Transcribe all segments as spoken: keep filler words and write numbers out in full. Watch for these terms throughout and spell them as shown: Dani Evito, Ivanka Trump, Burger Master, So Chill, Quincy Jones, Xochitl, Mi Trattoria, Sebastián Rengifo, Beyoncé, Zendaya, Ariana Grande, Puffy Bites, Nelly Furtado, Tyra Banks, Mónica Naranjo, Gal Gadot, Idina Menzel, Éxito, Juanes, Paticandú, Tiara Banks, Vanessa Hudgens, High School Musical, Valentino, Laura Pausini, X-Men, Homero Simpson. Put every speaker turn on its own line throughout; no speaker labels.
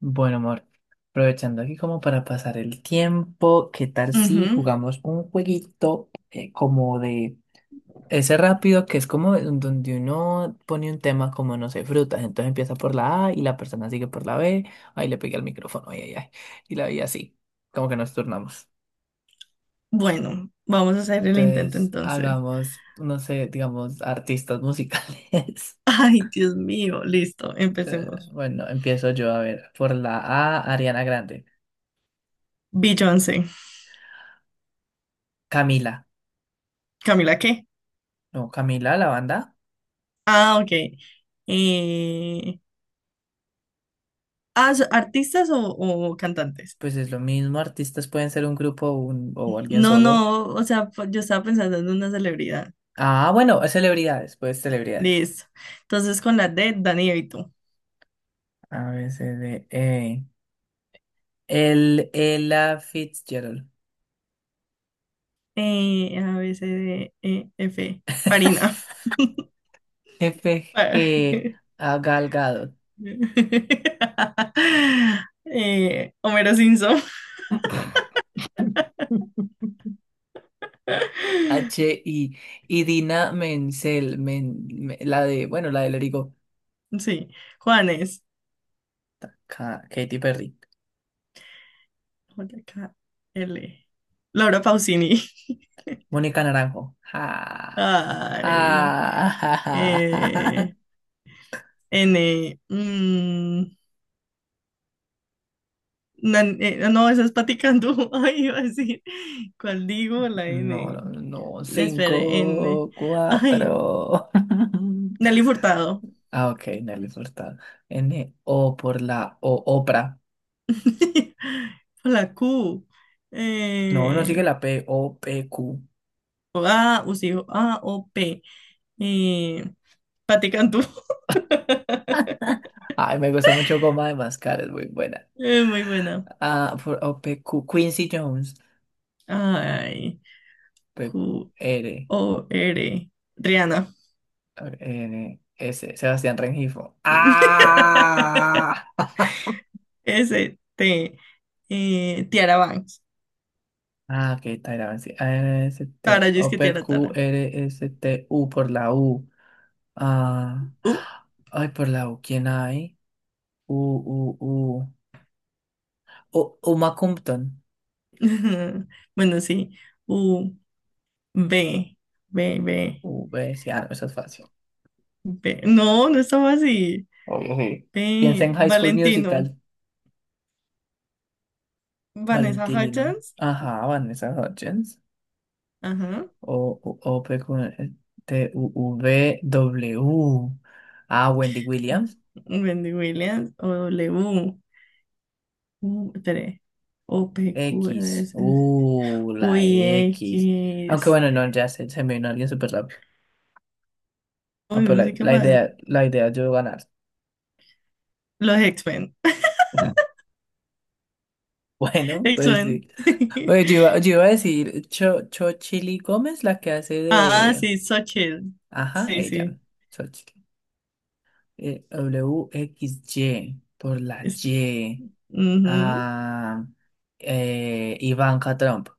Bueno, amor, aprovechando aquí como para pasar el tiempo, ¿qué tal si
Ujú.
jugamos un jueguito eh, como de ese rápido que es como en donde uno pone un tema como, no sé, ¿frutas? Entonces empieza por la A y la persona sigue por la B. Ahí le pegué al micrófono, ay, ay, ay. Y la vi así, como que nos turnamos.
Bueno, vamos a hacer el intento
Entonces
entonces.
hagamos, no sé, digamos, artistas musicales.
Ay, Dios mío, listo,
Eh,
empecemos.
Bueno, empiezo yo a ver. Por la A, Ariana Grande.
Beyoncé.
Camila.
¿Camila qué?
No, Camila, la banda.
Ah, ok. Eh, ah, ¿so- artistas o, o cantantes?
Pues es lo mismo, artistas pueden ser un grupo o, un- o alguien
No,
solo.
no, o sea, p- yo estaba pensando en una celebridad.
Ah, bueno, celebridades, pues celebridades.
Listo. Entonces con la D, Dani Evito.
A, B, C, D, E. El, Ella Fitzgerald.
Eh, A, B, C, D, E, F. Farina.
F,
Fa-
G, A, Gal Gadot.
Eh, Homero Simpson.
H, I, y Dina Menzel, men- me- la de, bueno, la de Lerigo.
Sí, Juanes,
Ka- Katy Perry.
J K L, Laura Pausini,
Mónica Naranjo. Ja, ja,
ay,
ja, ja, ja,
eh,
ja.
N, mm, nan- eh, no, esa es Paticandú, ay, iba a decir, ¿cuál digo? La
No,
N,
no, no.
espere, N,
Cinco,
ay,
cuatro.
Nelly Furtado,
Ah, ok, Nelly Furtado. N, O por la O, Oprah.
la Q,
No, no sigue
eh,
la P, O, P, Q.
A, o sí, A, O, P, eh, Paticandú,
Ay, me gusta mucho Goma de Mascar, es muy buena.
Eh, muy buena,
Ah, por O, P, Q. Quincy Jones.
ay.
P, Q,
Q-O-R.
R,
Rihanna.
N, S. Sebastián Rengifo. ¡Ah!
S-T. eh, Tiara Banks.
Ah, ok, Tyra Banks. A, N, S,
Tara,
T,
yo es
O,
que
P,
Tiara
Q,
Tara.
R, S, T, U por la U. Ah,
U.
ay, por la U, ¿quién hay? U, U, U. U, Uma Compton.
Bueno, sí. U. B. B, B,
U, B, sí, ah, no, eso es fácil.
B. No, no estaba así.
Obvio, sí. Piensa
B.
en High School
Valentino.
Musical.
Vanessa
Valentino.
Hudgens.
Ajá, Vanessa Hudgens.
Ajá.
O, U, O, P, Q, T, U, U, V, W. Ah, Wendy Williams.
Wendy Williams. O W. U. tres O. P. Q. R.
X.
S,
Uh,
U.
la
I.
X. Aunque
X.
bueno, no, ya se, se me vino alguien súper rápido. Ah,
Uy,
pero
no
la,
soy
la
capaz.
idea, la idea es yo ganar.
Los X-Men.
Bueno, pues
X-Men.
sí. Oye, yo iba, yo iba a decir Cho, Chochili Gómez, la que hace
Ah,
de...
sí, So Chill.
Ajá,
Sí,
ella.
sí.
Xochitl. Eh, W X Y, por la
Es-
Y.
ujú.
Ah, eh, Ivanka Trump.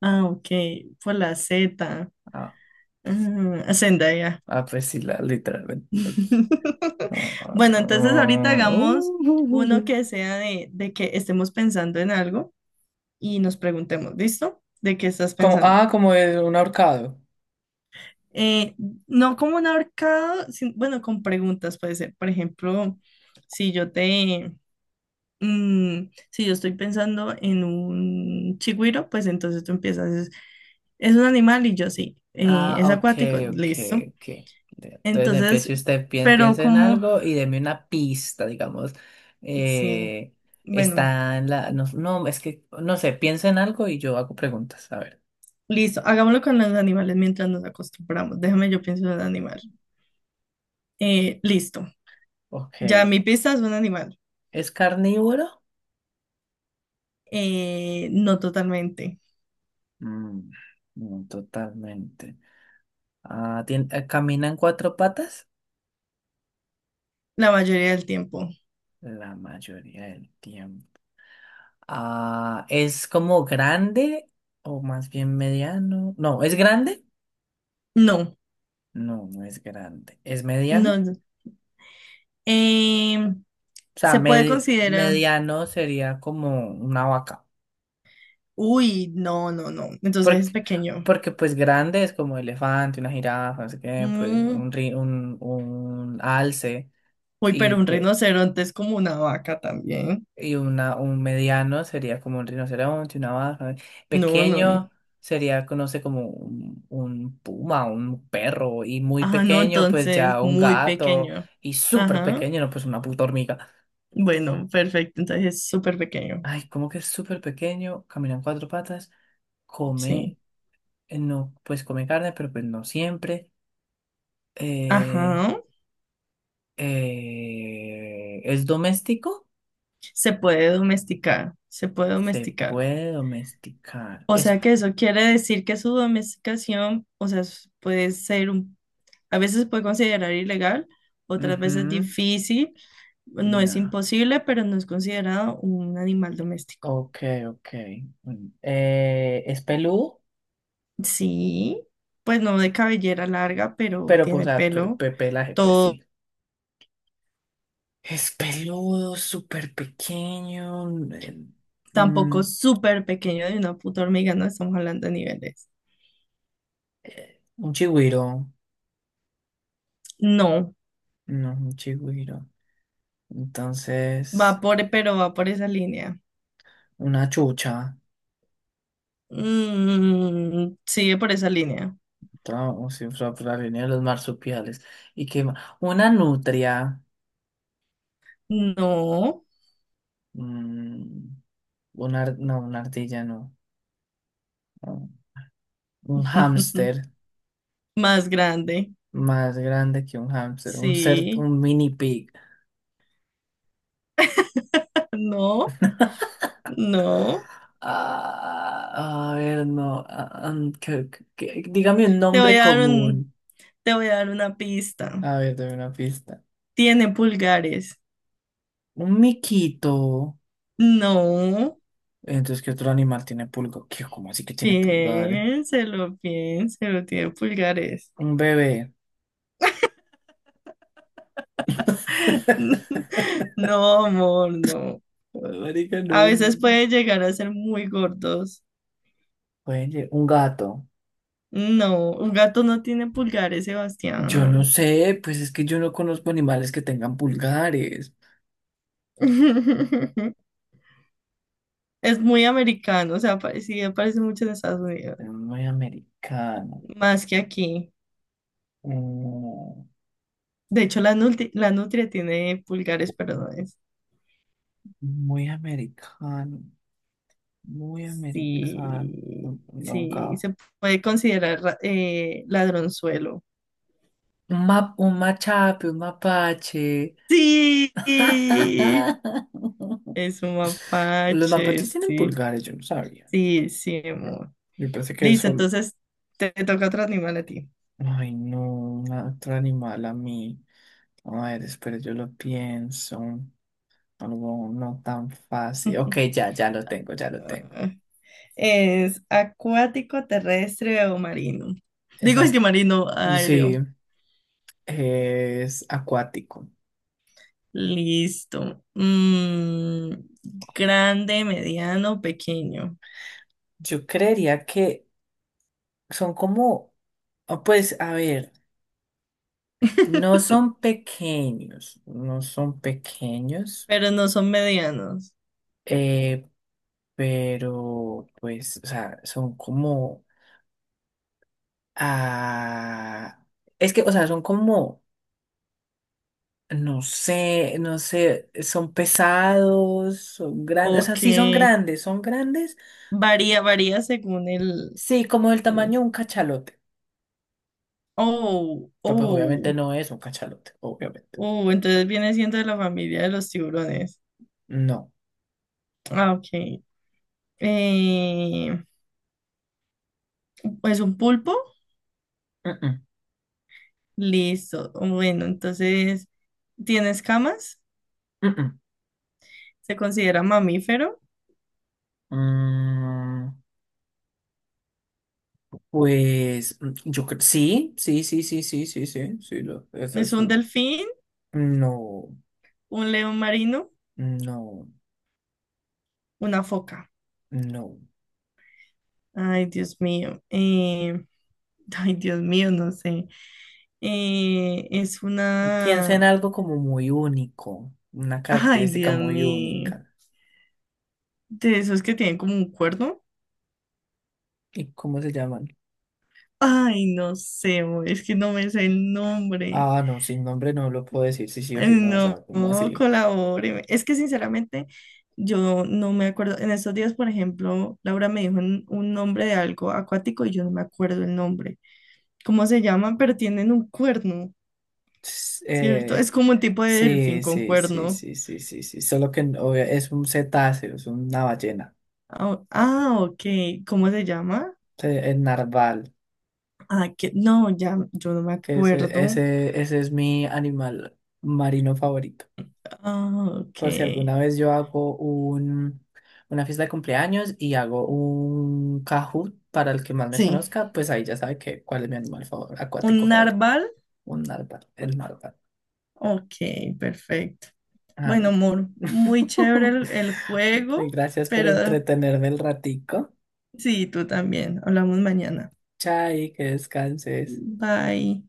Ah, ok. Por la Z.
Ah, pues,
Ah, Zendaya.
ah, pues sí, la, literalmente. Ah, ah,
Bueno, entonces ahorita
ah,
hagamos
uh, uh, uh,
uno
uh.
que sea de, de que estemos pensando en algo y nos preguntemos, ¿listo? ¿De qué estás
Como,
pensando?
ah, como es un ahorcado.
Eh, no como un ahorcado, sin- bueno, con preguntas puede ser. Por ejemplo, si yo te, Mm, si yo estoy pensando en un chigüiro, pues entonces tú empiezas, es, es un animal y yo sí, eh,
Ah,
es
ok,
acuático,
ok,
listo.
ok. Entonces
Entonces,
empiece usted, pi-
pero
piensa en
como,
algo y deme una pista, digamos.
sí,
Eh,
bueno,
está en la... No, no, es que, no sé, piensa en algo y yo hago preguntas. A ver.
listo, hagámoslo con los animales mientras nos acostumbramos. Déjame, yo pienso en un animal. Eh, listo,
Ok.
ya mi pista es un animal.
¿Es carnívoro?
Eh, no totalmente,
Mm, no, totalmente. Ah, tien- eh, ¿camina en cuatro patas?
la mayoría del tiempo.
La mayoría del tiempo. Ah, ¿es como grande o más bien mediano? No, ¿es grande?
No,
No, no es grande. ¿Es
no.
mediano?
no. Em,
O sea,
se puede
medi-
considerar,
mediano sería como una vaca.
uy, no, no, no, entonces es
Porque,
pequeño.
porque pues grande es como elefante, una jirafa, no sé qué, pues
Mm,
un, ri- un, un alce
uy, pero
y,
un
pe-
rinoceronte es como una vaca también.
y una, un mediano sería como un rinoceronte, una vaca.
No, no, no.
Pequeño sería, no sé, como un, un puma, un perro. Y muy
Ah, no,
pequeño, pues
entonces
ya un
muy
gato.
pequeño.
Y súper
Ajá.
pequeño, no, pues una puta hormiga.
Bueno, perfecto. Entonces es súper pequeño.
Ay, cómo que es súper pequeño, camina en cuatro patas,
Sí.
come, eh, no, pues come carne, pero pues no siempre. Eh,
Ajá.
eh, ¿es doméstico?
Se puede domesticar. Se puede
Se
domesticar.
puede domesticar.
O
Es...
sea que eso quiere decir que su domesticación, o sea, s- puede ser un, a veces se puede considerar ilegal, otras veces
ujú,
difícil. No es
No.
imposible, pero no es considerado un animal doméstico.
Ok, ok. Mm, eh, ¿es peludo?
Sí, pues no de cabellera larga, pero
Pero pues,
tiene
a
pelo.
pe- pelaje, pues
Todo
sí. Es peludo, súper pequeño. eh, mm,
tampoco súper pequeño de una puta hormiga, no estamos hablando de niveles.
un chigüiro.
No,
No, un chigüiro.
va
Entonces,
por, pero va por esa línea.
una chucha,
Mm, sigue por esa línea.
tra- o sea, fra- fra- venía de los marsupiales. ¿Y qué más? Una nutria,
No,
mm, una, ar- no, una ardilla, no. No, un hámster,
más grande.
más grande que un hámster, un ser,
Sí,
un mini pig.
no, no.
Ah, a ver, no. ah, ah, que- que- que- dígame un
Te voy
nombre
a dar un,
común.
te voy a dar una pista.
A ver, dame una pista.
Tiene pulgares.
Un miquito.
No.
Entonces, ¿qué otro animal tiene pulga? ¿Qué? ¿Cómo así que tiene pulgares?
Piénselo, piénselo, tiene pulgares.
Un bebé.
No, amor, no.
Marica, no.
A veces puede llegar a ser muy gordos.
Oye, un gato.
No, un gato no tiene pulgares,
Yo no
Sebastián.
sé, pues es que yo no conozco animales que tengan pulgares.
Es muy americano, o sea, pare- sí aparece mucho en Estados Unidos,
Muy americano.
más que aquí.
Mm,
De hecho, la nutria, la nutria tiene pulgares, pero no es.
muy americano. Muy americano.
Sí,
Un, un
sí,
ahorcado.
se puede considerar ra- eh, ladronzuelo.
Un ma- un machape, un mapache.
Sí. Es un
Los
mapache,
mapaches tienen
sí.
pulgares, yo no sabía.
Sí, sí, amor.
Yo pensé que
Listo,
eso.
entonces te toca otro animal a ti.
Ay, no, una- otro animal a mí. A ver, espera, yo lo pienso. Algo no tan fácil. Ok, ya, ya lo tengo, ya lo tengo.
¿Es acuático, terrestre o marino?
Es
Digo, es que
acu-
marino,
sí,
aéreo.
es acuático.
Listo. Mm, grande, mediano, pequeño.
Yo creería que son como, ah, pues, a ver, no son pequeños, no son pequeños,
Pero no son medianos.
eh, pero, pues, o sea, son como, ah, es que, o sea, son como no sé, no sé, son pesados, son grandes, o sea,
Ok.
sí son grandes, son grandes,
Varía, varía según el...
sí, como del tamaño de un cachalote.
Oh,
Pero pues obviamente
oh.
no es un cachalote, obviamente.
Uh, entonces viene siendo de la familia de los tiburones.
No.
Ah, ok. Eh, ¿Es un pulpo,
Mm-mm,
listo. Bueno, entonces tiene escamas,
mm-mm.
se considera mamífero,
Mm, pues mm, yo creo, sí, sí, sí, sí, sí, sí, sí, sí, lo, esa es
es un
su-
delfín,
No,
un león marino,
no,
una foca.
no.
Ay, Dios mío. Eh, ay, Dios mío, no sé. Eh, es
Piensa en
una...
algo como muy único, una
Ay,
característica
Dios
muy
mío.
única.
De esos que tienen como un cuerno.
¿Y cómo se llaman?
Ay, no sé, es que no me sé el nombre.
Ah, no, sin nombre no lo puedo decir, sí, sí o sí, no, o
No,
sea, como así?
colabore. Es que sinceramente yo no me acuerdo. En estos días, por ejemplo, Laura me dijo un, un nombre de algo acuático y yo no me acuerdo el nombre. ¿Cómo se llaman? Pero tienen un cuerno,
S-
¿cierto?
eh,
Es como un tipo de delfín
sí,
con
sí, sí,
cuerno.
sí, sí, sí, sí, solo que no, obvia- es un cetáceo, es una ballena,
Ah, ah, ok. ¿Cómo se llama?
se- el narval,
Ah, que no, ya, yo no me
que
acuerdo.
ese, ese, ese es mi animal marino favorito.
Ah, ok.
Por si alguna vez yo hago un, una fiesta de cumpleaños y hago un Kahoot para el que más me
Sí.
conozca, pues ahí ya sabe que, cuál es mi animal favor, acuático
¿Un
favorito,
narval?
un narval, el narval.
Ok, perfecto.
Ah,
Bueno,
no.
amor, muy chévere el, el
Pues
juego,
gracias por
pero
entretenerme el ratico.
sí, tú también. Hablamos mañana.
Chai, que descanses.
Bye.